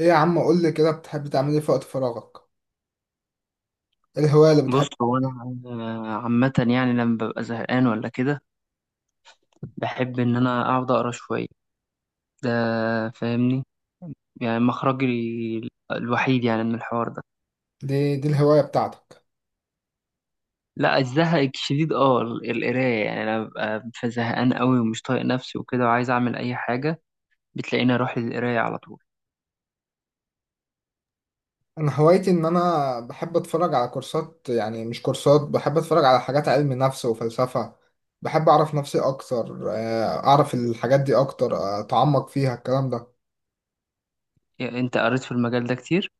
ايه يا عم قول لي كده، بتحب تعمل ايه في وقت فراغك؟ ايه الهواية اللي بتحب؟ بص هو انا. أنا عامه يعني لما ببقى زهقان ولا كده بحب ان انا اقعد اقرا شويه ده، فاهمني؟ يعني مخرجي ال- الوحيد يعني من الحوار ده. دي الهواية بتاعتك؟ لا، الزهق الشديد، اه القرايه يعني. انا ببقى زهقان قوي ومش طايق نفسي وكده وعايز اعمل اي حاجه، بتلاقيني اروح للقرايه على طول. انا هوايتي ان انا بحب اتفرج على كورسات، يعني مش كورسات، بحب اتفرج على حاجات علم نفس وفلسفة. بحب اعرف نفسي اكتر آه، اعرف الحاجات دي اكتر آه، اتعمق فيها الكلام ده. يعني انت قريت في المجال ده كتير؟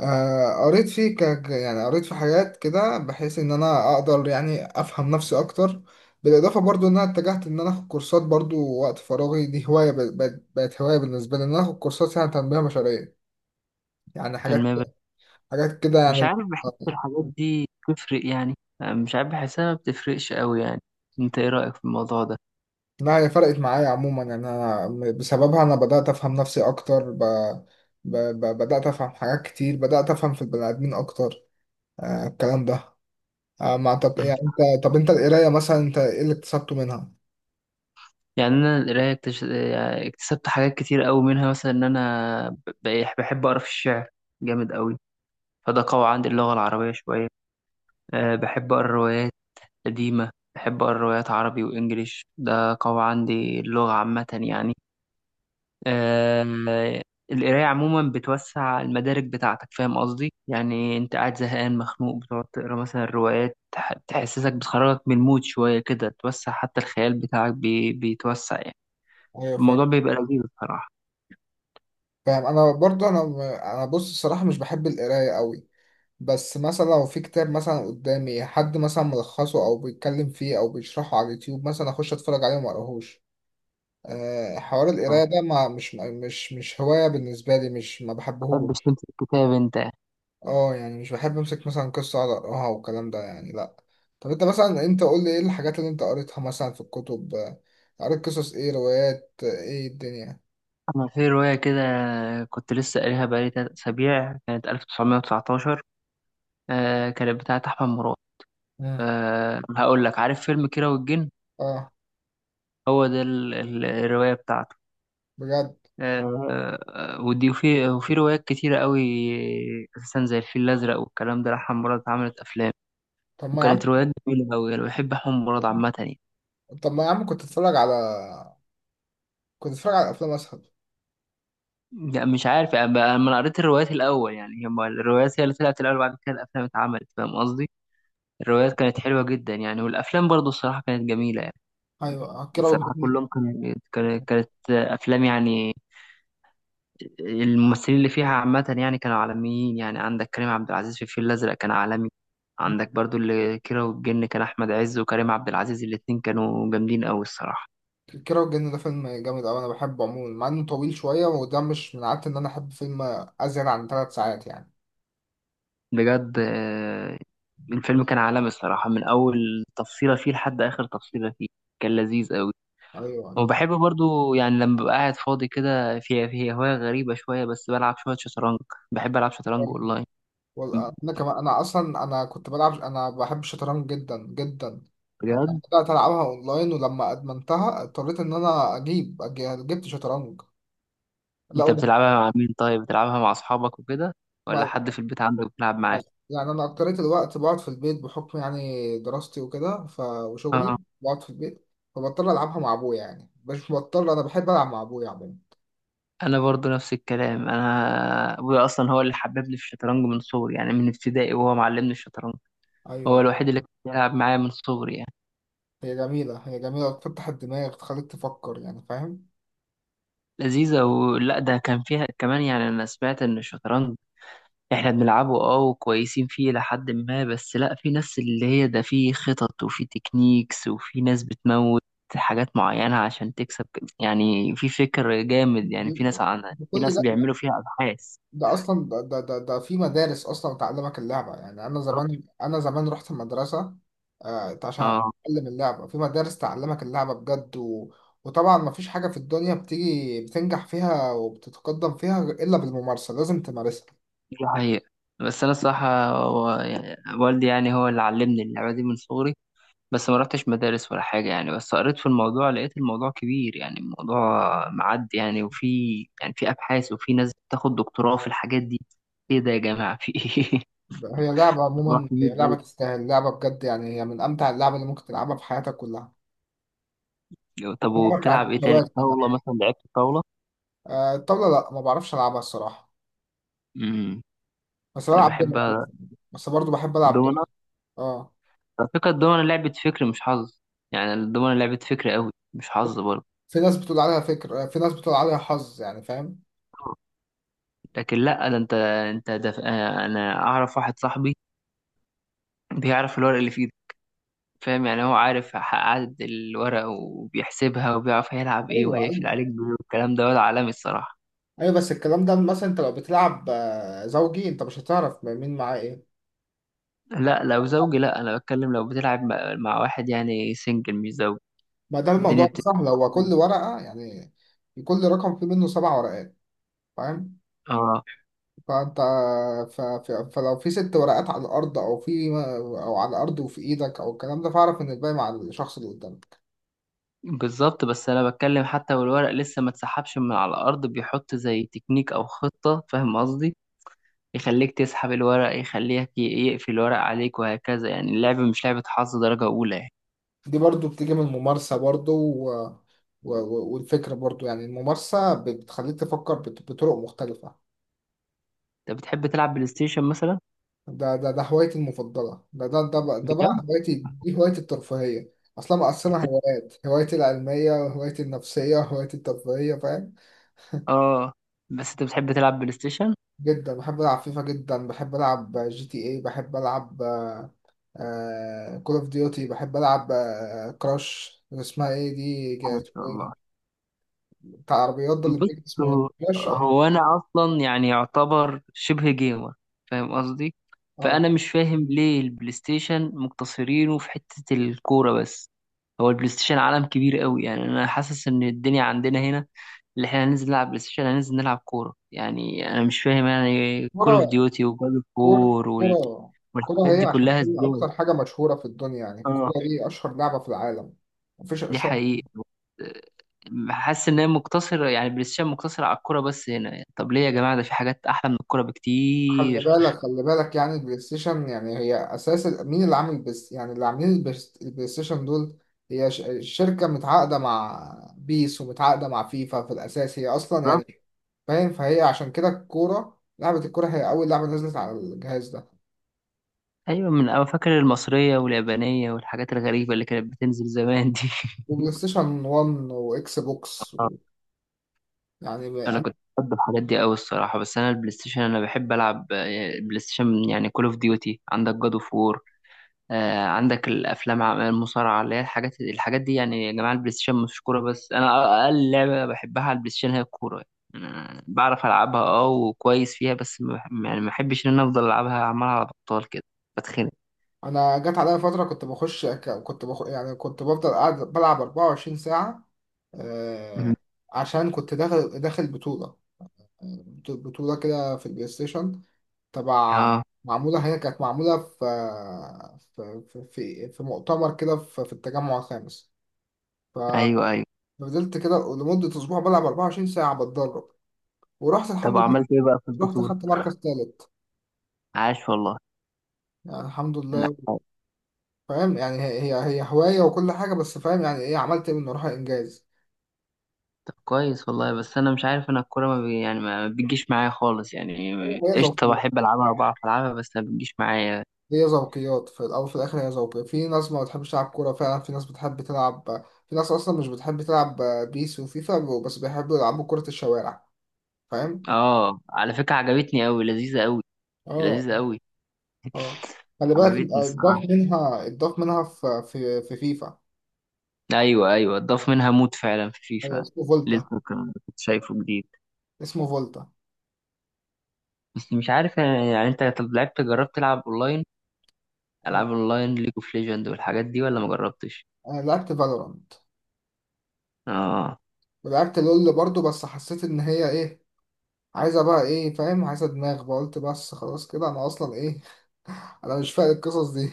آه، قريت فيه يعني قريت في حاجات كده بحيث ان انا اقدر يعني افهم نفسي اكتر. بالاضافه برضو ان انا اتجهت ان انا اخد كورسات برضو. وقت فراغي دي هوايه، ب... بقت بقت هوايه بالنسبه لي ان انا اخد كورسات يعني تنميه بشريه، يعني حاجات، تنميه بش- حاجات كده مش يعني. عارف، بحس الحاجات دي بتفرق يعني؟ مش عارف، بحسها ما بتفرقش قوي يعني. انت ايه رايك في الموضوع ده؟ لا، هي فرقت معايا عموما، يعني انا بسببها انا بدات افهم نفسي اكتر، بدات افهم حاجات كتير، بدات افهم في البني ادمين اكتر. آه الكلام ده. آه ما أعتقد- يعني انت، طب انت القرايه مثلا، انت ايه اللي اكتسبته منها؟ يعني انا القرايه يعني اكتسبت حاجات كتير قوي منها. مثلا ان انا بحب اقرا في الشعر جامد قوي، فده قوي عندي اللغه العربيه شويه. أه، بحب اقرا روايات قديمه، بحب اقرا روايات عربي وانجليش، ده قوي عندي اللغه عامه يعني. أه، القرايه عموما بتوسع المدارك بتاعتك، فاهم قصدي؟ يعني انت قاعد زهقان مخنوق، بتقعد تقرا مثلا روايات تحسسك، بتخرجك من المود شويه كده، توسع حتى الخيال بتاعك بيتوسع يعني. ايوه فاهم. الموضوع بيبقى لذيذ بصراحه. فاهم. انا برضه، انا بص الصراحه مش بحب القرايه قوي، بس مثلا لو في كتاب مثلا قدامي، حد مثلا ملخصه او بيتكلم فيه او بيشرحه على اليوتيوب مثلا، اخش اتفرج عليه وما اقراهوش. أه حوار ما القرايه ده، ما مش هوايه بالنسبه لي، مش ما بتحبش بحبهوش. تمسك كتاب انت؟ اه يعني مش بحب امسك مثلا قصه اقعد اقراها والكلام ده، يعني لا. طب انت مثلا، انت قول لي ايه الحاجات اللي انت قريتها مثلا في الكتب، آه، قريت قصص ايه، روايات، آه، ايه الدنيا؟ انا في رواية كده كنت لسه قاريها بقالي تلات اسابيع، كانت 1919. آه كانت بتاعت احمد مراد. مم. آه هقول لك، عارف فيلم كيرة والجن؟ اه. هو ده الرواية بتاعته. بجد. آه. آه، ودي وفي روايات كتيرة قوي اساسا، زي الفيل الازرق والكلام ده لأحمد مراد، اتعملت افلام. طب ما يا وكانت عم روايات جميلة قوي، انا بحب احمد مراد عامة يعني. طب ما يا عم كنت اتفرج على، كنت اتفرج على افلام اسهل. لا مش عارف، انا قريت الروايات الاول يعني، هي الروايات هي اللي طلعت الاول، بعد كده الافلام اتعملت، فاهم قصدي؟ الروايات كانت حلوة جدا يعني، والأفلام برضو الصراحة كانت جميلة ايوه يعني. آه، كيرة الصراحة والجن. كلهم كانت أفلام يعني. الممثلين اللي فيها عامة يعني كانوا عالميين يعني. عندك كريم عبد العزيز في الفيل الأزرق كان عالمي. عندك برضو اللي كيرة والجن، كان أحمد عز وكريم عبد العزيز الاتنين كانوا جامدين أوي الصراحة. كيرة والجن ده فيلم جامد اوي، انا بحبه عموما مع انه طويل شويه، وده مش من عادتي ان انا احب فيلم ازيد عن ثلاث ساعات يعني. بجد. آه، الفيلم كان عالمي الصراحة، من أول تفصيلة فيه لحد آخر تفصيلة فيه كان لذيذ أوي. ايوه أيوه. وبحب برضو يعني لما ببقى قاعد فاضي كده، في هواية غريبة شوية، بس بلعب شوية شطرنج. بحب ألعب شطرنج أونلاين. انا كمان، انا اصلا كنت بلعب، انا بحب الشطرنج جدا جدا. انا بجد. بدات العبها اونلاين، ولما ادمنتها اضطريت ان انا اجيب جبت شطرنج. أنت بتلعبها مع مين؟ طيب بتلعبها مع أصحابك وكده ولا لا حد في البيت عندك بتلعب معاه؟ يعني أنا أكترية الوقت بقعد في البيت بحكم يعني دراستي وكده وشغلي. اه، بقعد في البيت، فبضطر ألعبها مع أبويا، يعني مش بضطر، أنا بحب ألعب مع أبويا عموما. أنا برضو نفس الكلام، أنا أبويا أصلا هو اللي حببني في الشطرنج من صغري يعني، من ابتدائي وهو معلمني الشطرنج. هو أيوه. الوحيد اللي كان بيلعب معايا من صغري يعني. هي جميلة، بتفتح الدماغ، تخليك تفكر يعني، فاهم. لذيذة. ولا ده كان فيها كمان يعني، أنا سمعت إن الشطرنج احنا بنلعبه اه وكويسين فيه لحد ما، بس لا، في ناس اللي هي ده في خطط وفي تكنيكس وفي ناس بتموت حاجات معينة عشان تكسب. يعني في فكر جامد يعني، في ناس عنها، في كل ناس ده؟ بيعملوا فيها أبحاث. ده اصلا ده في مدارس اصلا تعلمك اللعبه. يعني انا زمان رحت المدرسه آه عشان اه اتعلم اللعبه، في مدارس تعلمك اللعبه بجد، وطبعا ما فيش حاجه في الدنيا بتيجي بتنجح فيها وبتتقدم فيها الا بالممارسه، لازم تمارسها. دي حقيقة. بس أنا الصراحة هو يعني والدي يعني هو اللي علمني اللعبة دي من صغري، بس ما رحتش مدارس ولا حاجة يعني. بس قريت في الموضوع، لقيت الموضوع كبير يعني، الموضوع معدي يعني، وفي يعني في أبحاث وفي ناس بتاخد دكتوراه في الحاجات دي. إيه ده يا جماعة؟ في إيه؟ هي لعبه موضوع عموما، كبير هي لعبه أوي. تستاهل، لعبه بجد يعني، هي من امتع اللعب اللي ممكن تلعبها في حياتك كلها. طب لعبه بتاعت وبتلعب إيه تاني؟ الجواز كده. طاولة مثلا، لعبت طاولة؟ آه الطاوله لا ما بعرفش العبها الصراحه، امم، بس أنا بلعب دمية. بحبها. بس برضو بحب العب دومنة. دمية. اه. على فكرة الدومنة لعبة فكر مش حظ. يعني الدومنة لعبة فكر أوي مش حظ برضه. في ناس بتقول عليها فكرة، في ناس بتقول عليها حظ، يعني فاهم. لكن لا، ده انت انت ده انا اعرف واحد صاحبي بيعرف الورق اللي في ايده، فاهم يعني؟ هو عارف عدد الورق وبيحسبها وبيعرف هيلعب ايه ايوه وهيقفل ايوه. عليك بايه والكلام ده، ولا عالمي الصراحة. ايوه بس الكلام ده مثلا انت لو بتلعب آه، زوجي، انت مش هتعرف مين معاه ايه. لا لو زوجي لا، انا بتكلم لو بتلعب مع واحد يعني، سنجل مش زوج. ما ده الدنيا الموضوع بتبقى سهل، هو كل ورقة يعني، كل رقم فيه منه سبع ورقات، فاهم؟ اه، فانت فلو في ست ورقات على الارض، او في، او على الارض وفي ايدك او الكلام ده، فاعرف ان الباقي مع الشخص اللي قدامك. بالظبط. بس انا بتكلم حتى والورق لسه ما اتسحبش من على الارض، بيحط زي تكنيك او خطة، فاهم قصدي؟ يخليك تسحب الورق، يقفل الورق عليك وهكذا. يعني اللعبة مش لعبة حظ درجة اولى يعني. دي برضو بتيجي من الممارسة برضو، والفكرة برضو، يعني الممارسة بتخليك تفكر بطرق مختلفة. انت بتحب تلعب بلاي ستيشن مثلا؟ ده هوايتي المفضلة. ده ده ده بقى, ده بجد. بقى هوايتي، دي هوايتي الترفيهية. أصلا مقسمة هوايات، هوايتي العلمية وهوايتي النفسية وهوايتي الترفيهية، فاهم. اه. بس انت بتحب تلعب بلاي ستيشن؟ جدا بحب ألعب فيفا، جدا بحب ألعب جي تي إيه، بحب ألعب كول أوف ديوتي، بحب ألعب آه، كراش. اسمها إيه دي ما شاء اسمه الله. إيه؟ بتاع العربيات ده اللي بص، بيجي، اسمه إيه؟ هو كراش. أه هو انا اصلا يعني يعتبر شبه جيمر، فاهم قصدي؟ أه. فانا مش فاهم ليه البلاي ستيشن مقتصرينه في حتة الكورة بس. هو البلاي ستيشن عالم كبير قوي يعني. انا حاسس ان الدنيا عندنا هنا، اللي احنا هننزل نلعب بلاي ستيشن هننزل نلعب كورة يعني. انا مش فاهم يعني، كول كورة. اوف ديوتي وجاد اوف كورة. وور كورة كورة والحاجات هي دي عشان كلها هي ازاي؟ أكتر حاجة مشهورة في الدنيا، يعني اه الكورة دي أشهر لعبة في العالم، مفيش دي أشهر. حقيقة. حاسس ان هي مقتصرة يعني، بلاي ستيشن مقتصرة على الكورة بس هنا يعني. طب ليه يا جماعة؟ ده في حاجات احلى من الكورة خلي بكتير. بالك خلي بالك يعني البلاي ستيشن، يعني هي اساس مين اللي عامل البس، يعني اللي عاملين البلاي ستيشن دول، هي ش- شركة متعاقدة مع بيس ومتعاقدة مع فيفا في الاساس، هي اصلا بالظبط. يعني فاهم. فهي عشان كده الكورة، لعبة الكورة هي اول لعبة نزلت على الجهاز ده ايوه، من انا فاكر المصرية واليابانية والحاجات الغريبة اللي كانت بتنزل زمان دي. وبلاي ستيشن 1 واكس بوكس. آه. يعني ب- انا انا كنت بحب الحاجات دي قوي الصراحة. بس انا البلاي ستيشن انا بحب العب آه، بلاي ستيشن يعني كول اوف ديوتي، عندك جاد اوف وور آه، عندك الافلام، المصارعه اللي هي الحاجات دي يعني. يا جماعه البلاي ستيشن مش كوره بس. انا اقل لعبه بحبها على البلاي ستيشن هي الكوره. يعني أنا بعرف العبها اه وكويس فيها، بس ما بح- يعني ما بحبش ان انا افضل العبها عمال على بطال كده، بتخنق. أنا جت عليا فترة كنت بخش، ك- كنت بخ يعني كنت بفضل قاعد بلعب 24 ساعة آه، مم. عشان كنت داخل بطولة، بطولة كده في البلاي ستيشن، تبع، اه، معمولة، هي كانت معمولة في في مؤتمر كده في، في التجمع الخامس. ففضلت ايوه ايوه. كده لمدة أسبوع بلعب 24 ساعة بتدرب، ورحت طب الحمد لله، عملت ايه بقى في رحت البطوله؟ خدت مركز تالت عاش والله. يعني الحمد لا. لله. فاهم يعني، هي هي هي هواية وكل حاجة، بس فاهم يعني إيه، عملت منه روح إنجاز. طب كويس والله. بس انا مش عارف، انا الكوره ما بي يعني ما بتجيش معايا خالص هو يعني. قشطه هواية، بحب العبها وبعرف العبها، بس ما بتجيش معايا. هي ذوقيات في الأول وفي الآخر، هي ذوقيات. في ناس ما بتحبش تلعب كورة فعلا، في ناس بتحب تلعب، في ناس أصلا مش بتحب تلعب بيس وفيفا بس بيحبوا يلعبوا كرة الشوارع، فاهم؟ اه على فكره عجبتني قوي، لذيذه قوي. اه لذيذة اه قوي. آه. خلي بالك. عجبتني اتضاف الصراحة. منها اتضاف منها في فيفا. ايوه ايوه، اتضاف منها مود فعلا في أيوة، فيفا. اسمه فولتا. لسه كنت شايفه جديد. اسمه فولتا. بس مش عارف يعني, يعني انت طب لعبت، جربت تلعب اونلاين؟ آه. العاب اونلاين، ليج اوف ليجند والحاجات دي ولا ما جربتش؟ أنا لعبت فالورانت اه. ولعبت لول برضو، بس حسيت إن هي إيه، عايزة بقى إيه فاهم، عايزة دماغ بقى، قلت بس خلاص كده، أنا أصلا إيه، أنا مش فاهم القصص دي.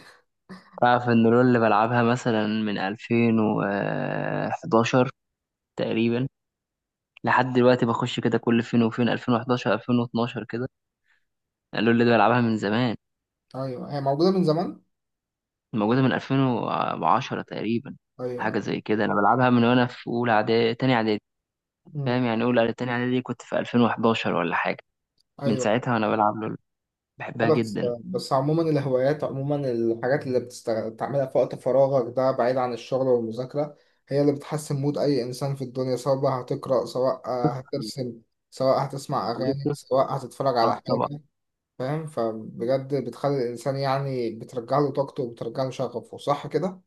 تعرف ان لول اللي بلعبها مثلا من 2011 تقريبا لحد دلوقتي، بخش كده كل فين وفين، 2011 2012 كده. لول اللي بلعبها من زمان، أيوه هي موجودة من زمان. موجودة من 2010 تقريبا، أيوه. حاجة زي كده. أنا بلعبها من وأنا في أولى إعدادي تاني إعدادي، فاهم يعني؟ أولى إعدادي- تاني إعدادي كنت في 2011 ولا حاجة. من ايوه ساعتها وأنا بلعب لول، بحبها بس، جدا. بس عموما الهوايات عموما، الحاجات اللي بتعملها في وقت فراغك ده بعيد عن الشغل والمذاكرة، هي اللي بتحسن مود اي انسان في الدنيا، سواء بقى هتقرأ، سواء آه، هترسم، سواء هتسمع بتخليك اغاني، طفل. سواء هتتفرج آه على طبعا. حاجة، فاهم، فبجد بتخلي الانسان يعني بترجع له طاقته وبترجع له شغفه، صح كده؟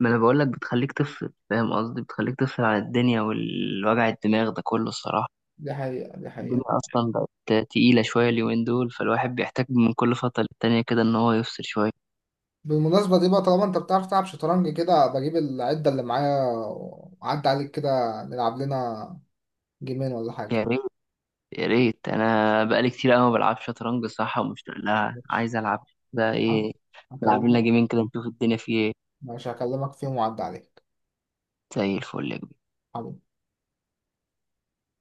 ما أنا بقولك بتخليك طفل، فاهم قصدي؟ بتخليك طفل عن الدنيا والوجع الدماغ ده كله الصراحة. دي حقيقة. الدنيا أصلا بقت تقيلة شوية اليومين دول، فالواحد بيحتاج من كل فترة للتانية كده إن هو يفصل شوية. بالمناسبة دي بقى، طالما انت بتعرف تلعب شطرنج كده، بجيب العدة اللي معايا وعدي عليك كده، نلعب لنا جيمين ولا حاجة. يا ريت. يا ريت، انا بقالي كتير قوي ما بلعبش شطرنج، صح ومشتاق لها، ماشي. عايز العب. ده ايه؟ نلعب لنا هكلمك. جيمين كده نشوف الدنيا فيه ايه. مش هكلمك فيهم، وعد عليك. زي الفل يا